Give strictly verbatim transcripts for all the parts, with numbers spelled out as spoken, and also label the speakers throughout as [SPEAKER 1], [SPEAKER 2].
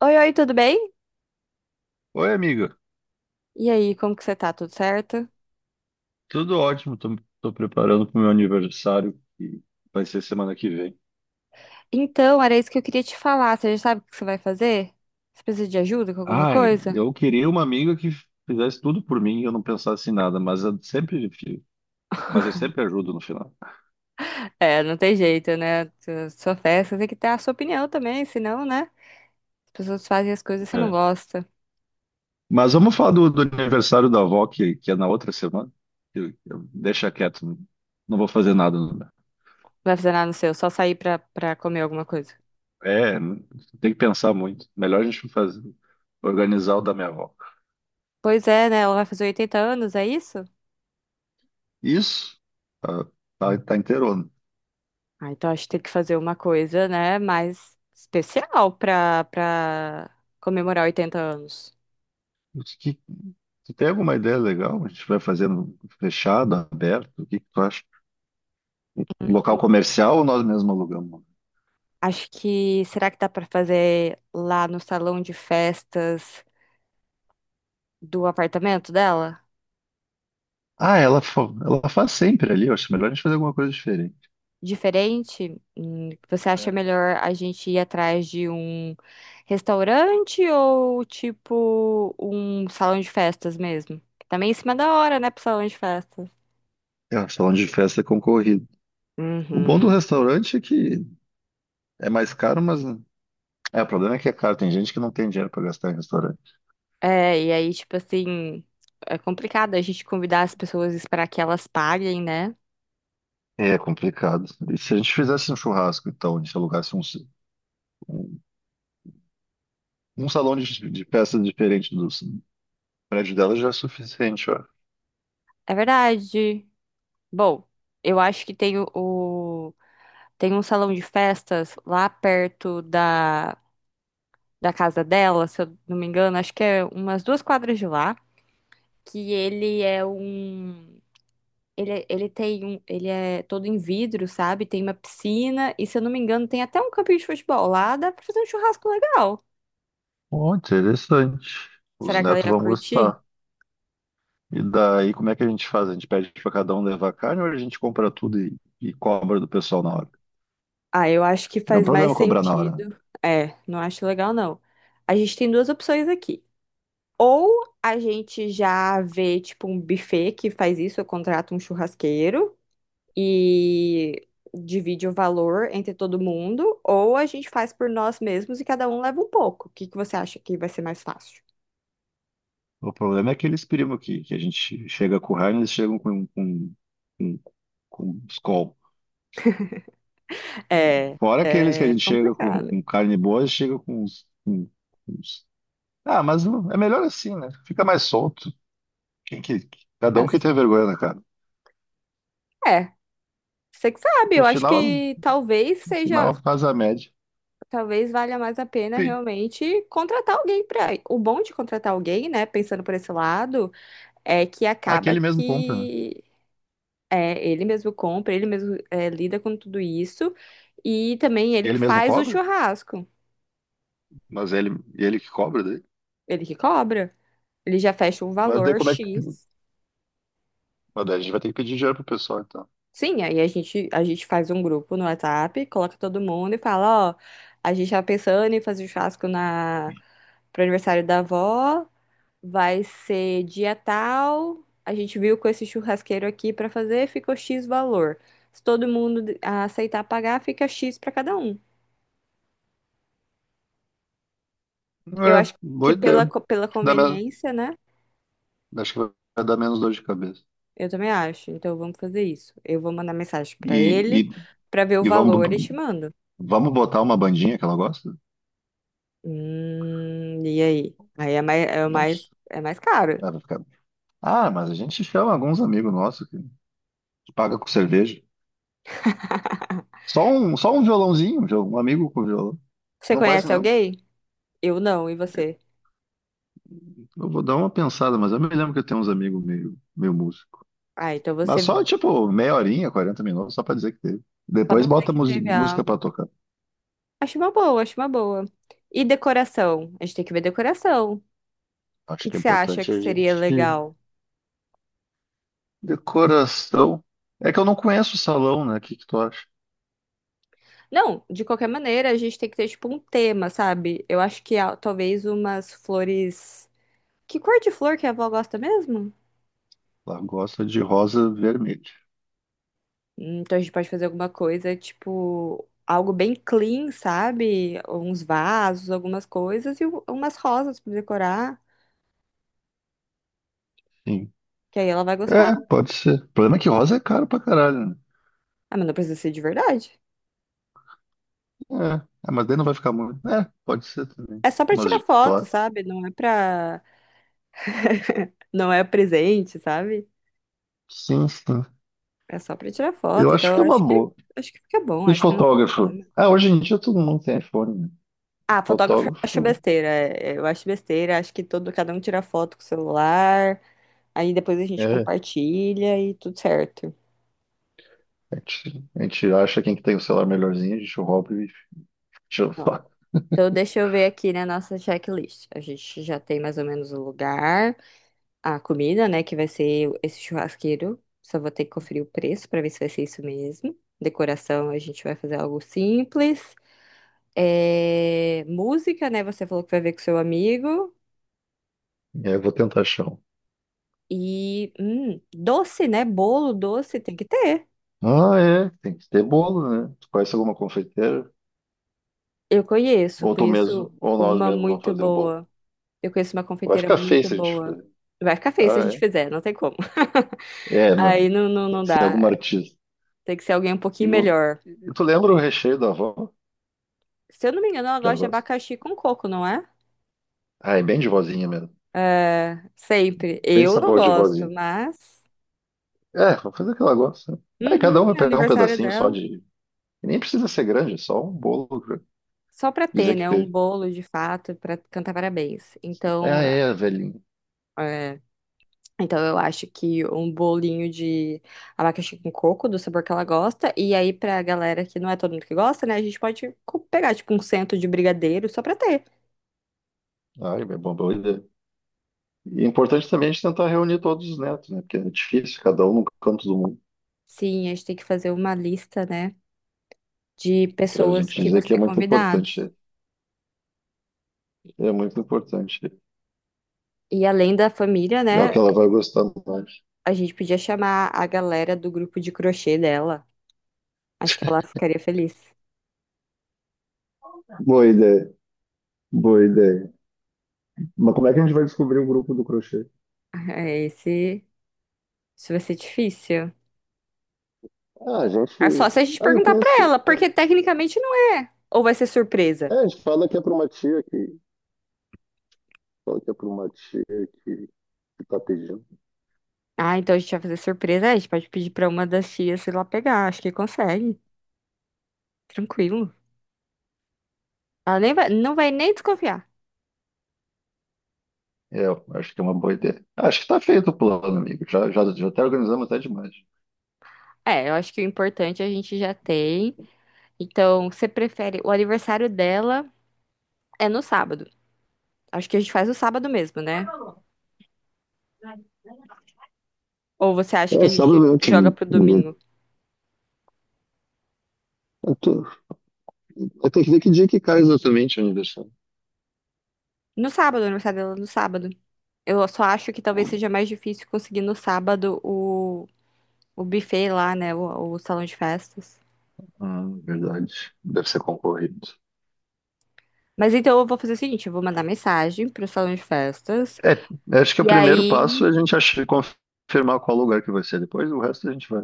[SPEAKER 1] Oi, oi, tudo bem?
[SPEAKER 2] Oi, amiga.
[SPEAKER 1] E aí, como que você tá? Tudo certo?
[SPEAKER 2] Tudo ótimo. Tô, tô preparando pro meu aniversário, que vai ser semana que vem.
[SPEAKER 1] Então, era isso que eu queria te falar. Você já sabe o que você vai fazer? Você precisa de ajuda com alguma
[SPEAKER 2] Ai,
[SPEAKER 1] coisa?
[SPEAKER 2] eu queria uma amiga que fizesse tudo por mim e eu não pensasse em nada, mas eu sempre, mas eu sempre ajudo no final.
[SPEAKER 1] É, não tem jeito, né? Tu- Sua festa tem que ter a sua opinião também, senão, né? As pessoas fazem as coisas e você não
[SPEAKER 2] É.
[SPEAKER 1] gosta. Não
[SPEAKER 2] Mas vamos falar do, do aniversário da avó, que, que é na outra semana. Eu- eu- deixa quieto, não não vou fazer nada. Não.
[SPEAKER 1] vai fazer nada no seu, só sair pra, pra comer alguma coisa.
[SPEAKER 2] É, tem que pensar muito. Melhor a gente fazer, organizar o da minha avó.
[SPEAKER 1] Pois é, né? Ela vai fazer oitenta anos, é isso?
[SPEAKER 2] Isso, tá, tá, tá inteiro.
[SPEAKER 1] Ah, então acho que tem que fazer uma coisa, né? Mais especial pra, pra comemorar oitenta anos.
[SPEAKER 2] O que- Tu tem alguma ideia legal? A gente vai fazendo fechado, aberto? O que que tu acha? Um local comercial ou nós mesmos alugamos?
[SPEAKER 1] Acho que será que dá pra fazer lá no salão de festas do apartamento dela?
[SPEAKER 2] Ah, ela, fa- ela faz sempre ali. Eu acho melhor a gente fazer alguma coisa diferente.
[SPEAKER 1] Diferente? Hum. Você acha
[SPEAKER 2] É,
[SPEAKER 1] melhor a gente ir atrás de um restaurante ou tipo um salão de festas mesmo? Também em cima da hora, né, pro salão de festas.
[SPEAKER 2] É, o salão de festa é concorrido. O bom do
[SPEAKER 1] Uhum.
[SPEAKER 2] restaurante é que é mais caro, mas, né? É, o problema é que é caro. Tem gente que não tem dinheiro para gastar em restaurante.
[SPEAKER 1] É, e aí, tipo assim, é complicado a gente convidar as pessoas e esperar que elas paguem, né?
[SPEAKER 2] É complicado. E se a gente fizesse um churrasco, então, a gente alugasse um, um, um salão de, de festa diferente do prédio dela já é suficiente, ó.
[SPEAKER 1] É verdade. Bom, eu acho que tem o. tem um salão de festas lá perto da, da casa dela, se eu não me engano, acho que é umas duas quadras de lá, que ele é um. Ele, ele tem um. Ele é todo em vidro, sabe? Tem uma piscina, e se eu não me engano, tem até um campinho de futebol lá, dá pra fazer um churrasco legal.
[SPEAKER 2] Oh, interessante. Os
[SPEAKER 1] Será que ela
[SPEAKER 2] netos
[SPEAKER 1] ia
[SPEAKER 2] vão
[SPEAKER 1] curtir?
[SPEAKER 2] gostar. E daí, como é que a gente faz? A gente pede para cada um levar carne ou a gente compra tudo e, e cobra do pessoal na hora?
[SPEAKER 1] Ah, eu acho que
[SPEAKER 2] É um
[SPEAKER 1] faz mais
[SPEAKER 2] problema cobrar na hora, né?
[SPEAKER 1] sentido. É, não acho legal, não. A gente tem duas opções aqui. Ou a gente já vê, tipo, um buffet que faz isso, eu contrato um churrasqueiro e divide o valor entre todo mundo, ou a gente faz por nós mesmos e cada um leva um pouco. O que que você acha que vai ser mais fácil?
[SPEAKER 2] O problema é aqueles primos que, que a gente chega com carne, eles chegam com, com, com, com Skol.
[SPEAKER 1] É,
[SPEAKER 2] Fora aqueles que a
[SPEAKER 1] é
[SPEAKER 2] gente chega com,
[SPEAKER 1] complicado.
[SPEAKER 2] com carne boa, eles chegam com uns, com- com uns- ah, mas não- é melhor assim, né? Fica mais solto. Quem que... Cada um que
[SPEAKER 1] Mas,
[SPEAKER 2] tem vergonha na cara.
[SPEAKER 1] é, você que sabe,
[SPEAKER 2] No
[SPEAKER 1] eu acho
[SPEAKER 2] final,
[SPEAKER 1] que
[SPEAKER 2] no
[SPEAKER 1] talvez seja,
[SPEAKER 2] final faz a média.
[SPEAKER 1] talvez valha mais a pena
[SPEAKER 2] Pi-
[SPEAKER 1] realmente contratar alguém para. O bom de contratar alguém, né, pensando por esse lado, é que acaba
[SPEAKER 2] Aquele mesmo compra, né?
[SPEAKER 1] que é, ele mesmo compra, ele mesmo é, lida com tudo isso. E também
[SPEAKER 2] E
[SPEAKER 1] ele que
[SPEAKER 2] ele mesmo
[SPEAKER 1] faz o
[SPEAKER 2] cobra?
[SPEAKER 1] churrasco.
[SPEAKER 2] Mas ele, ele que cobra daí?
[SPEAKER 1] Ele que cobra. Ele já fecha um
[SPEAKER 2] Mas daí
[SPEAKER 1] valor
[SPEAKER 2] como é que.
[SPEAKER 1] X.
[SPEAKER 2] Mas daí a gente vai ter que pedir dinheiro pro pessoal, então.
[SPEAKER 1] Sim, aí a gente, a gente faz um grupo no WhatsApp, coloca todo mundo e fala, ó, a gente tá pensando em fazer o churrasco na, pro aniversário da avó, vai ser dia tal, a gente viu com esse churrasqueiro aqui pra fazer, ficou X valor. Se todo mundo aceitar pagar, fica X pra cada um. Eu
[SPEAKER 2] É,
[SPEAKER 1] acho que
[SPEAKER 2] boa ideia.
[SPEAKER 1] pela,
[SPEAKER 2] Acho
[SPEAKER 1] co- pela
[SPEAKER 2] que dá menos,
[SPEAKER 1] conveniência, né?
[SPEAKER 2] acho que vai dar menos dor de cabeça.
[SPEAKER 1] Eu também acho. Então vamos fazer isso. Eu vou mandar mensagem pra
[SPEAKER 2] E, e,
[SPEAKER 1] ele pra ver o
[SPEAKER 2] e vamos,
[SPEAKER 1] valor e te mando.
[SPEAKER 2] vamos botar uma bandinha que ela gosta?
[SPEAKER 1] Hum, e aí? Aí é mais, é mais,
[SPEAKER 2] Nossa.
[SPEAKER 1] é mais caro.
[SPEAKER 2] ela vai ficar- Ah, mas a gente chama alguns amigos nossos que paga com cerveja. Só um, só um violãozinho, já, um amigo com violão.
[SPEAKER 1] Você
[SPEAKER 2] Não conhece
[SPEAKER 1] conhece
[SPEAKER 2] nenhum?
[SPEAKER 1] alguém? Eu não, e você?
[SPEAKER 2] Eu vou dar uma pensada, mas eu me lembro que eu tenho uns amigos meio, meio músicos.
[SPEAKER 1] Ah, então você
[SPEAKER 2] Mas só, tipo, meia horinha, quarenta minutos, só pra dizer que teve.
[SPEAKER 1] só
[SPEAKER 2] Depois
[SPEAKER 1] pra dizer
[SPEAKER 2] bota
[SPEAKER 1] que
[SPEAKER 2] musi-
[SPEAKER 1] teve
[SPEAKER 2] música
[SPEAKER 1] algo.
[SPEAKER 2] pra tocar.
[SPEAKER 1] Acho uma boa, acho uma boa. E decoração? A gente tem que ver decoração. O
[SPEAKER 2] Acho
[SPEAKER 1] que
[SPEAKER 2] que
[SPEAKER 1] que
[SPEAKER 2] é
[SPEAKER 1] você acha
[SPEAKER 2] importante
[SPEAKER 1] que
[SPEAKER 2] a
[SPEAKER 1] seria
[SPEAKER 2] gente.
[SPEAKER 1] legal?
[SPEAKER 2] Decoração. É que eu não conheço o salão, né? O que que tu acha?
[SPEAKER 1] Não, de qualquer maneira, a gente tem que ter tipo um tema, sabe? Eu acho que ah, talvez umas flores. Que cor de flor que a avó gosta mesmo?
[SPEAKER 2] Ela gosta de rosa vermelha.
[SPEAKER 1] Hum. Então a gente pode fazer alguma coisa, tipo, algo bem clean, sabe? Uns vasos, algumas coisas e u- umas rosas pra decorar,
[SPEAKER 2] Sim.
[SPEAKER 1] que aí ela vai gostar.
[SPEAKER 2] É, pode ser. O problema é que rosa é caro pra caralho, né?
[SPEAKER 1] Ah, mas não precisa ser de verdade.
[SPEAKER 2] É, ah, mas daí não vai ficar muito. É, pode ser também.
[SPEAKER 1] É só pra
[SPEAKER 2] Mas
[SPEAKER 1] tirar
[SPEAKER 2] de
[SPEAKER 1] foto,
[SPEAKER 2] plástico.
[SPEAKER 1] sabe? Não é pra... não é presente, sabe?
[SPEAKER 2] Sim, sim.
[SPEAKER 1] É só pra tirar
[SPEAKER 2] Eu
[SPEAKER 1] foto.
[SPEAKER 2] acho
[SPEAKER 1] Então
[SPEAKER 2] que
[SPEAKER 1] eu
[SPEAKER 2] é
[SPEAKER 1] acho
[SPEAKER 2] uma
[SPEAKER 1] que
[SPEAKER 2] boa.
[SPEAKER 1] acho que fica bom,
[SPEAKER 2] E
[SPEAKER 1] acho que não tem
[SPEAKER 2] fotógrafo?
[SPEAKER 1] problema.
[SPEAKER 2] Ah, hoje em dia todo mundo tem iPhone, né?
[SPEAKER 1] Ah, fotógrafo eu acho
[SPEAKER 2] Fotógrafo.
[SPEAKER 1] besteira. é, é, Eu acho besteira, acho que todo cada um tira foto com o celular, aí depois a gente
[SPEAKER 2] É,
[SPEAKER 1] compartilha e tudo certo.
[SPEAKER 2] A gente, a gente acha quem que tem o celular melhorzinho, a gente rouba e tira foto.
[SPEAKER 1] Então, deixa eu ver aqui na nossa checklist. A gente já tem mais ou menos o lugar, a comida, né, que vai ser esse churrasqueiro. Só vou ter que conferir o preço para ver se vai ser isso mesmo. Decoração, a gente vai fazer algo simples. É, música, né, você falou que vai ver com seu amigo.
[SPEAKER 2] E aí eu vou tentar achar um.
[SPEAKER 1] E hum, doce, né, bolo doce tem que ter.
[SPEAKER 2] Ah, é, tem que ter bolo, né? Tu conhece alguma confeiteira?
[SPEAKER 1] Eu conheço,
[SPEAKER 2] Ou tu mesmo,
[SPEAKER 1] conheço
[SPEAKER 2] ou nós
[SPEAKER 1] uma
[SPEAKER 2] mesmos vamos
[SPEAKER 1] muito
[SPEAKER 2] fazer o bolo.
[SPEAKER 1] boa. Eu conheço uma
[SPEAKER 2] Vai
[SPEAKER 1] confeiteira
[SPEAKER 2] ficar feio
[SPEAKER 1] muito
[SPEAKER 2] se a gente
[SPEAKER 1] boa.
[SPEAKER 2] fizer.
[SPEAKER 1] Vai ficar feio se a gente
[SPEAKER 2] Ah,
[SPEAKER 1] fizer, não tem como.
[SPEAKER 2] é? É, não.
[SPEAKER 1] Aí não, não,
[SPEAKER 2] Tem
[SPEAKER 1] não
[SPEAKER 2] que ser alguma
[SPEAKER 1] dá.
[SPEAKER 2] artista.
[SPEAKER 1] Tem que ser alguém um
[SPEAKER 2] E,
[SPEAKER 1] pouquinho
[SPEAKER 2] o-
[SPEAKER 1] melhor.
[SPEAKER 2] e tu lembra o recheio da avó
[SPEAKER 1] Se eu não me engano, ela
[SPEAKER 2] que ela
[SPEAKER 1] gosta de
[SPEAKER 2] gosta?
[SPEAKER 1] abacaxi com coco, não é?
[SPEAKER 2] Ah, é bem de vozinha mesmo.
[SPEAKER 1] É, sempre.
[SPEAKER 2] Bem
[SPEAKER 1] Eu não
[SPEAKER 2] sabor de
[SPEAKER 1] gosto,
[SPEAKER 2] vozinha.
[SPEAKER 1] mas.
[SPEAKER 2] É, vamos fazer o que ela gosta, né? Aí cada um vai
[SPEAKER 1] Uhum, é
[SPEAKER 2] pegar um
[SPEAKER 1] aniversário
[SPEAKER 2] pedacinho só
[SPEAKER 1] dela.
[SPEAKER 2] de, e nem precisa ser grande, é só um bolo. Pra
[SPEAKER 1] Só pra ter,
[SPEAKER 2] dizer que
[SPEAKER 1] né? Um
[SPEAKER 2] teve.
[SPEAKER 1] bolo de fato pra cantar parabéns.
[SPEAKER 2] Ah,
[SPEAKER 1] Então,
[SPEAKER 2] é, velhinho.
[SPEAKER 1] é, então eu acho que um bolinho de abacaxi com coco, do sabor que ela gosta. E aí, pra galera que não é todo mundo que gosta, né? A gente pode co- pegar, tipo, um cento de brigadeiro só pra ter.
[SPEAKER 2] Ah, é uma boa ideia. E é importante também a gente tentar reunir todos os netos, né? Porque é difícil, cada um no canto do mundo,
[SPEAKER 1] Sim, a gente tem que fazer uma lista, né? De
[SPEAKER 2] para a
[SPEAKER 1] pessoas
[SPEAKER 2] gente
[SPEAKER 1] que vão
[SPEAKER 2] dizer que é
[SPEAKER 1] ser
[SPEAKER 2] muito importante.
[SPEAKER 1] convidados.
[SPEAKER 2] É é muito importante.
[SPEAKER 1] E além da família,
[SPEAKER 2] É o
[SPEAKER 1] né?
[SPEAKER 2] que ela vai gostar mais.
[SPEAKER 1] A gente podia chamar a galera do grupo de crochê dela. Acho que ela ficaria feliz.
[SPEAKER 2] Boa ideia, boa ideia. Mas como é que a gente vai descobrir o grupo do crochê?
[SPEAKER 1] É, Esse, isso vai ser difícil.
[SPEAKER 2] Ah, a gente.
[SPEAKER 1] É só se a gente
[SPEAKER 2] Ah, eu
[SPEAKER 1] perguntar pra
[SPEAKER 2] conheço.
[SPEAKER 1] ela, porque tecnicamente não é. Ou vai ser
[SPEAKER 2] É,
[SPEAKER 1] surpresa?
[SPEAKER 2] a gente fala que é para uma tia que. Fala que é para uma tia que, que tá pedindo.
[SPEAKER 1] Ah, então a gente vai fazer surpresa. É, a gente pode pedir pra uma das tias ir lá pegar. Acho que consegue. Tranquilo. Ela nem vai, não vai nem desconfiar.
[SPEAKER 2] É, eu acho que é uma boa ideia. Acho que tá feito o plano, amigo. Já, já, já até organizamos até demais.
[SPEAKER 1] É, eu acho que o importante é a gente já tem. Então, você prefere. O aniversário dela é no sábado. Acho que a gente faz no sábado mesmo, né? Ou você acha que
[SPEAKER 2] É,
[SPEAKER 1] a gente
[SPEAKER 2] sábado eu te...
[SPEAKER 1] joga pro domingo?
[SPEAKER 2] Eu tenho que ver que dia que cai exatamente o aniversário.
[SPEAKER 1] No sábado, o aniversário dela é no sábado. Eu só acho que talvez seja mais difícil conseguir no sábado o, o buffet lá, né? O, o salão de festas.
[SPEAKER 2] Ah, verdade. Deve ser concorrido.
[SPEAKER 1] Mas então eu vou fazer o seguinte, eu vou mandar mensagem pro salão de festas.
[SPEAKER 2] É, eu acho que o
[SPEAKER 1] E
[SPEAKER 2] primeiro
[SPEAKER 1] aí,
[SPEAKER 2] passo é a gente achar, confirmar qual lugar que vai ser depois, o resto a gente vai.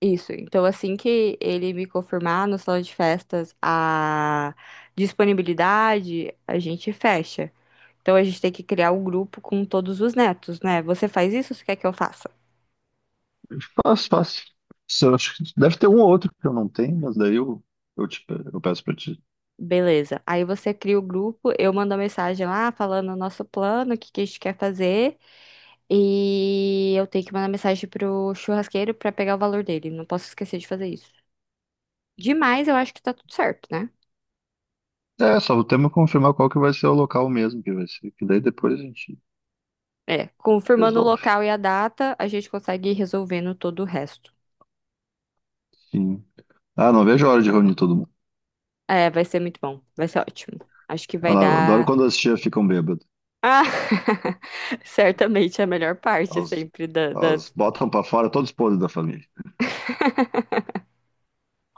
[SPEAKER 1] isso. Então assim que ele me confirmar no salão de festas a disponibilidade, a gente fecha. Então a gente tem que criar um grupo com todos os netos, né? Você faz isso ou você quer que eu faça?
[SPEAKER 2] Fácil, fácil. Isso eu acho que deve ter um ou outro que eu não tenho, mas daí eu, eu, te, pe- eu peço pra ti.
[SPEAKER 1] Beleza. Aí você cria o grupo, eu mando a mensagem lá falando o nosso plano, o que que a gente quer fazer. E eu tenho que mandar mensagem pro churrasqueiro pra pegar o valor dele. Não posso esquecer de fazer isso. Demais, eu acho que tá tudo certo, né?
[SPEAKER 2] É, só temos que confirmar qual que vai ser o local mesmo que vai ser, que daí depois a gente
[SPEAKER 1] É, confirmando o
[SPEAKER 2] resolve.
[SPEAKER 1] local e a data, a gente consegue ir resolvendo todo o resto.
[SPEAKER 2] Sim. Ah, não vejo a hora de reunir todo mundo.
[SPEAKER 1] É, vai ser muito bom. Vai ser ótimo. Acho que
[SPEAKER 2] Ah,
[SPEAKER 1] vai
[SPEAKER 2] não, eu adoro
[SPEAKER 1] dar.
[SPEAKER 2] quando as tias ficam bêbadas.
[SPEAKER 1] Ah! Certamente é a melhor parte
[SPEAKER 2] Elas,
[SPEAKER 1] sempre da-
[SPEAKER 2] elas
[SPEAKER 1] das
[SPEAKER 2] botam pra fora todos os podres da família.